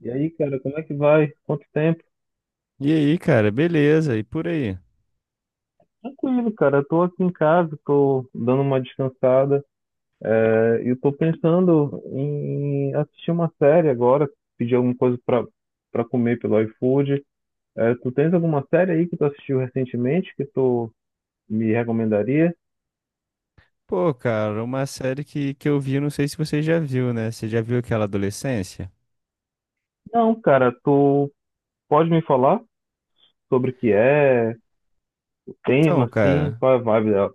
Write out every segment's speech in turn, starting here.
E aí, cara, como é que vai? Quanto tempo? E aí, cara, beleza? E por aí? Tranquilo, cara. Eu tô aqui em casa, tô dando uma descansada. É, eu tô pensando em assistir uma série agora, pedir alguma coisa pra comer pelo iFood. É, tu tens alguma série aí que tu assistiu recentemente que tu me recomendaria? Pô, cara, uma série que eu vi, não sei se você já viu, né? Você já viu aquela Adolescência? Não, cara, tu pode me falar sobre o que é, o tema, Então, assim, cara, qual é a vibe dela?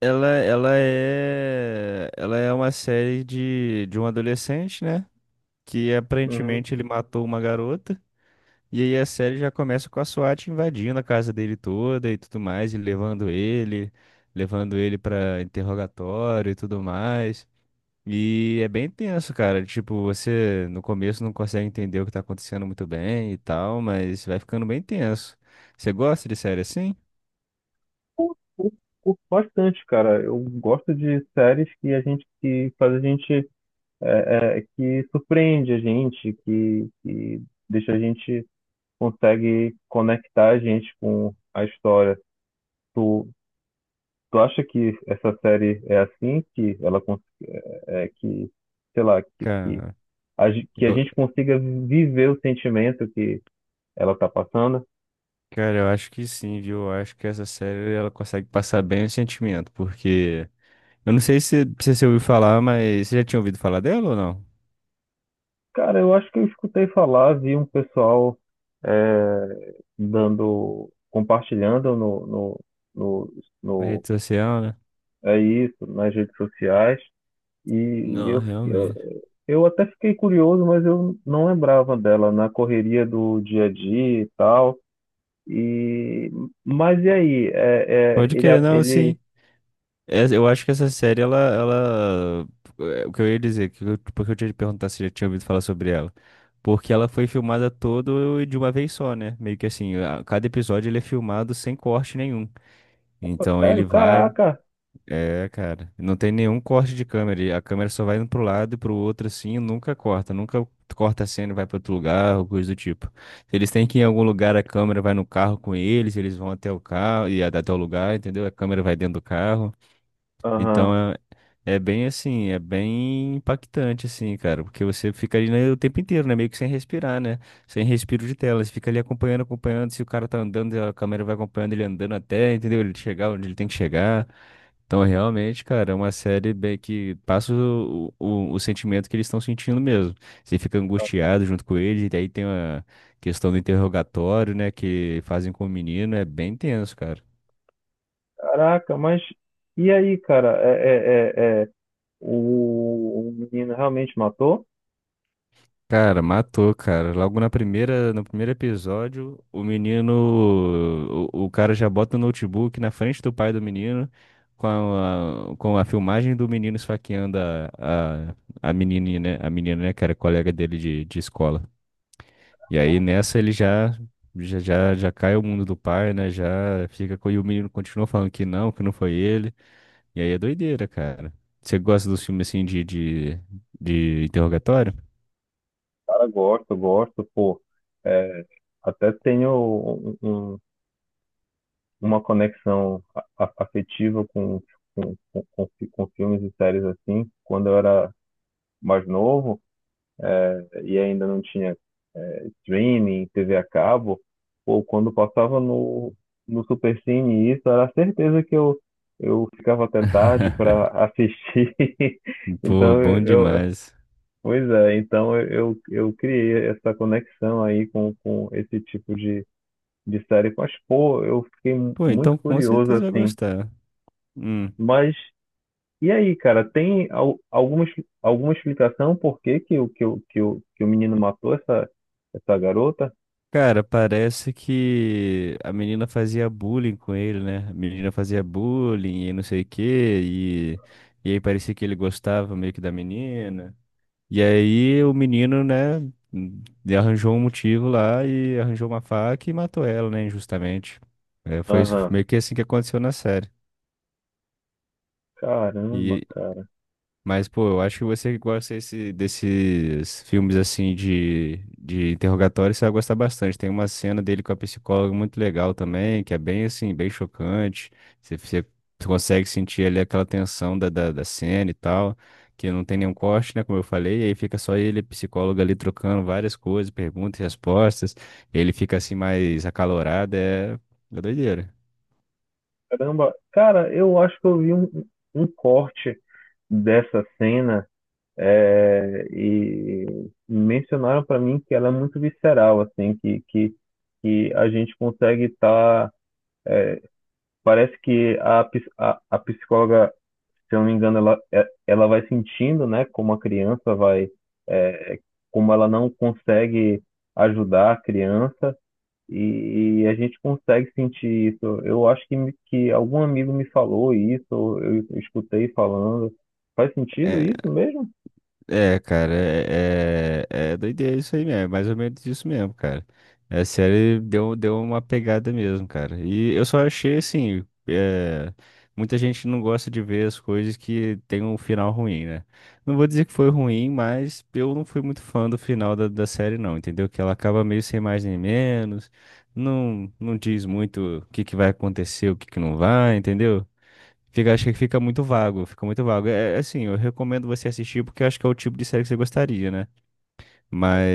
ela é uma série de um adolescente, né? Que Uhum. aparentemente ele matou uma garota. E aí a série já começa com a SWAT invadindo a casa dele toda e tudo mais, e levando ele pra interrogatório e tudo mais. E é bem tenso, cara. Tipo, você no começo não consegue entender o que tá acontecendo muito bem e tal, mas vai ficando bem tenso. Você gosta de série assim? Curto, curto curto bastante, cara. Eu gosto de séries que a gente que faz a gente é que surpreende a gente, que deixa a gente consegue conectar a gente com a história. Tu, tu acha que essa série é assim, que ela é, que, sei lá, Cara, que a eu, gente consiga viver o sentimento que ela tá passando? cara, eu acho que sim, viu? Eu acho que essa série ela consegue passar bem o sentimento, porque eu não sei se você ouviu falar, mas você já tinha ouvido falar dela ou não? Cara, eu acho que eu escutei falar, vi um pessoal é, dando, compartilhando no, no, no, Na no, rede social, né? é isso, nas redes sociais. E Não, eu, eu, realmente. eu até fiquei curioso, mas eu não lembrava dela na correria do dia a dia e tal. E, mas e aí? Pode querer, não, sim. Essa- Eu acho que essa série, ela... O que eu ia dizer, que eu, porque eu tinha te perguntar se já tinha ouvido falar sobre ela. Porque ela foi filmada todo e de uma vez só, né? Meio que assim, a- cada episódio ele é filmado sem corte nenhum. Pô, Então ele sério, vai... caraca. É, cara, não tem nenhum corte de câmera. A câmera só vai indo pro lado e pro outro assim e nunca corta. Nunca corta a cena e vai pra outro lugar ou coisa do tipo. Se eles têm que ir em algum lugar, a câmera vai no carro com eles, eles vão até o carro e até o lugar, entendeu? A câmera vai dentro do carro. Aham. Então é bem assim, é bem impactante, assim, cara, porque você fica ali, né, o tempo inteiro, né? Meio que sem respirar, né? Sem respiro de tela. Você fica ali acompanhando, acompanhando. Se o cara tá andando, a câmera vai acompanhando ele andando até, entendeu? Ele chegar onde ele tem que chegar. Então, realmente, cara, é uma série bem que passa o sentimento que eles estão sentindo mesmo. Você fica angustiado junto com eles, e daí tem uma questão do interrogatório, né? Que fazem com o menino, é bem tenso, cara. Caraca, mas e aí, cara? O menino realmente matou? Cara, matou, cara. Logo na primeira, no primeiro episódio, o menino, o cara já bota o notebook na frente do pai do menino, com a filmagem do menino esfaqueando a, a menininha, né? A menina, né, cara, colega dele de escola. E aí Ah, nessa ele os já, já, já, já cai o mundo do pai, né? Já fica com, e o menino continua falando que não foi ele. E aí é doideira, cara. Você gosta dos filmes assim de interrogatório? Cara, gosto, gosto, pô. É, até tenho uma conexão afetiva com filmes e séries assim, quando eu era mais novo e ainda não tinha streaming, TV a cabo, ou quando passava no Supercine, isso era certeza que eu ficava até tarde para assistir. Pô, Então, bom eu, eu- demais. Pois é, então eu criei essa conexão aí com esse tipo de série. Mas, pô, eu fiquei Pô, muito então com curioso certeza vai assim. gostar. Hum. Mas e aí, cara, tem alguma, alguma explicação por que que o menino matou essa garota? Cara, parece que a menina fazia bullying com ele, né? A menina fazia bullying e não sei o quê, e aí parecia que ele gostava meio que da menina. E aí o menino, né, hum, arranjou um motivo lá e arranjou uma faca e matou ela, né, injustamente. É, foi isso- foi Aham. meio que assim que aconteceu na série. Caramba, E, cara. Mas, pô, eu acho que você que gosta esse- desses filmes assim de interrogatório, você vai gostar bastante. Tem uma cena dele com a psicóloga muito legal também, que é bem assim, bem chocante. Você consegue sentir ali aquela tensão da cena e tal, que não tem nenhum corte, né? Como eu falei, e aí fica só ele, e a psicóloga ali trocando várias coisas, perguntas e respostas. Ele fica assim mais acalorado, é, é doideira. Caramba. Cara, eu acho que eu vi um corte dessa cena, e mencionaram pra mim que ela é muito visceral, assim, que a gente consegue estar. Parece que a psicóloga, se eu não me engano, ela vai sentindo, né, como a criança vai, é, como ela não consegue ajudar a criança, e a gente consegue sentir isso. Eu acho que, que algum amigo me falou isso, ou eu escutei falando. Faz sentido isso mesmo? É, cara, é doideira isso aí mesmo, é mais ou menos isso mesmo, cara. A série deu uma pegada mesmo, cara. E eu só achei assim, é, muita gente não gosta de ver as coisas que tem um final ruim, né? Não vou dizer que foi ruim, mas eu não fui muito fã do final da série, não, entendeu? Que ela acaba meio sem mais nem menos, não diz muito o que que vai acontecer, o que que não vai, entendeu? Fica, acho que fica muito vago, fica muito vago. É, é assim, eu recomendo você assistir porque eu acho que é o tipo de série que você gostaria, né?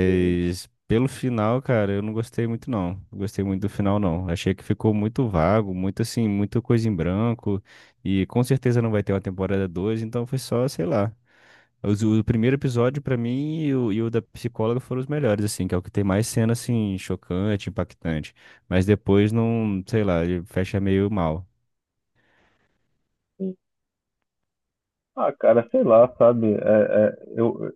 Sim, pelo final, cara, eu não gostei muito não. Não gostei muito do final não. Achei que ficou muito vago, muito assim, muita coisa em branco e com certeza não vai ter uma temporada 2. Então foi só, sei lá. Os- O primeiro episódio pra mim e o da psicóloga foram os melhores, assim, que é o que tem mais cena assim chocante, impactante. Mas depois não, sei lá, ele fecha meio mal. sim. Ah, cara, sei lá, sabe? Eu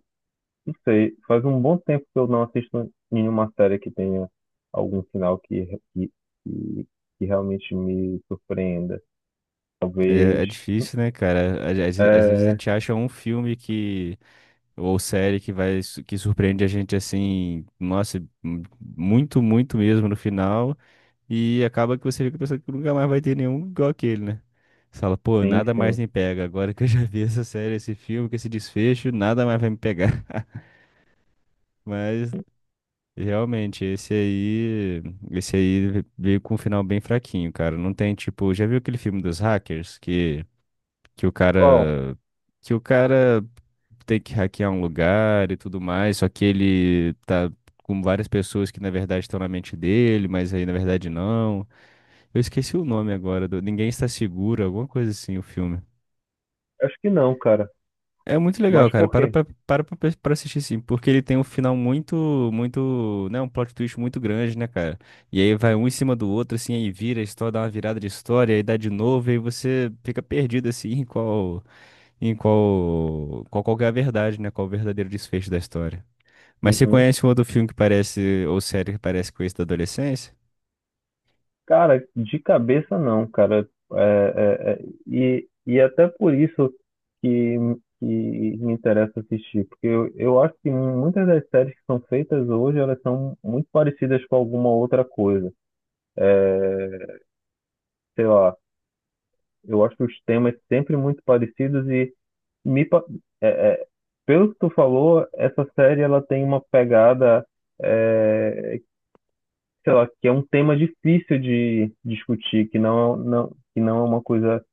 não sei. Faz um bom tempo que eu não assisto nenhuma série que tenha algum final que, que, que realmente me surpreenda. É, Talvez. é difícil, né, cara? Às vezes a É, gente acha um filme que ou série que vai su- que surpreende a gente assim, nossa, m- muito mesmo no final e acaba que você fica pensando que nunca mais vai ter nenhum igual aquele, né? Você fala, pô, sim, nada mais sim. me pega. Agora que eu já vi essa série, esse filme, com esse desfecho, nada mais vai me pegar. Mas realmente, esse aí veio com um final bem fraquinho, cara. Não tem tipo, já viu aquele filme dos hackers que o Qual? cara que o cara tem que hackear um lugar e tudo mais, só que ele tá com várias pessoas que na verdade estão na mente dele, mas aí na verdade não. Eu esqueci o nome agora, do Ninguém Está Seguro, alguma coisa assim, o filme. Acho que não, cara. É muito legal, Mas cara. por quê? Pra assistir sim, porque ele tem um final muito, muito, né, um plot twist muito grande, né, cara? E aí vai um em cima do outro assim, aí vira a história, dá uma virada de história, aí dá de novo, e aí você fica perdido assim, qual que é a verdade, né? Qual o verdadeiro desfecho da história. Mas você Uhum. conhece um outro filme que parece, ou série que parece com isso da adolescência? Cara, de cabeça não, cara. E até por isso que, que me interessa assistir, porque eu acho que muitas das séries que são feitas hoje, elas são muito parecidas com alguma outra coisa. É, sei lá, eu acho os temas sempre muito parecidos, me pa- é, é, pelo que tu falou, essa série ela tem uma pegada, é, sei lá, que é um tema difícil de discutir, que não é uma coisa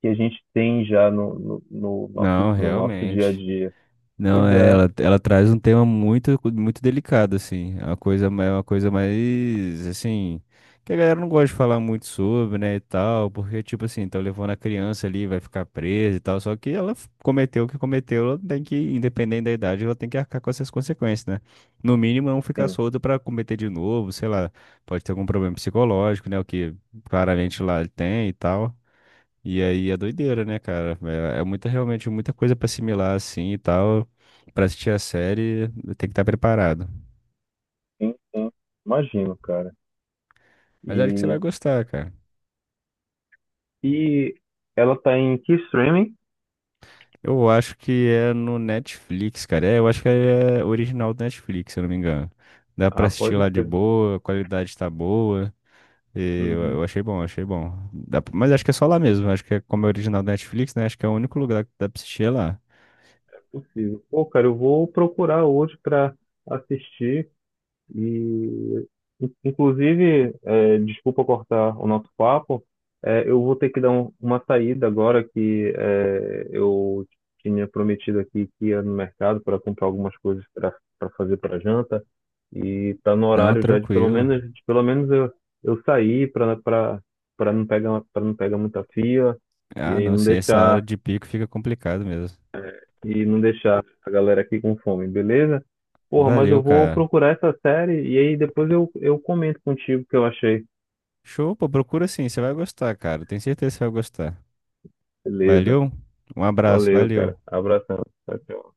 que a gente tem já Não, no nosso dia a realmente. dia. Não, Pois é, é, ela traz um tema muito, muito delicado, assim. É uma coisa, ma- é uma coisa mais, assim, que a galera não gosta de falar muito sobre, né, e tal, porque, tipo assim, tá levando a criança ali, vai ficar presa e tal, só que ela f- cometeu o que cometeu, ela tem que, independente da idade, ela tem que arcar com essas consequências, né? No mínimo, não ficar sim, solta pra cometer de novo, sei lá, pode ter algum problema psicológico, né, o que claramente lá ele tem e tal. E aí é doideira, né, cara? É, é muita, realmente muita coisa pra assimilar assim e tal. Pra assistir a série, tem que estar preparado. sim, sim, imagino, cara. Mas acho que você vai E, gostar, cara. e ela tá em que streaming? Eu acho que é no Netflix, cara. É, eu acho que é original do Netflix, se eu não me engano. Dá pra Ah, assistir pode lá de crer. boa, a qualidade tá boa. Uhum, Eu achei bom, achei bom. Dá pra- mas acho que é só lá mesmo. Acho que é como é original do Netflix, né? Acho que é o único lugar que dá pra assistir é lá. possível. Pô, cara, eu vou procurar hoje pra assistir. E, Inclusive, desculpa cortar o nosso papo, eu vou ter que dar uma saída agora que, eu tinha prometido aqui que ia no mercado para comprar algumas coisas para fazer para janta, e tá no Não, horário já de pelo tranquilo. menos de pelo menos eu sair para não pegar para não pegar muita fila, Ah, e não, não sim, essa hora deixar de pico fica complicado mesmo. e não deixar a galera aqui com fome, beleza? Porra, mas eu Valeu, vou cara. procurar essa série e aí depois eu comento contigo o que eu achei. Show, pô, procura sim, você vai gostar, cara. Tenho certeza que você vai gostar. Beleza. Valeu, um abraço, Valeu, valeu. cara. Abração. Tchau, tchau.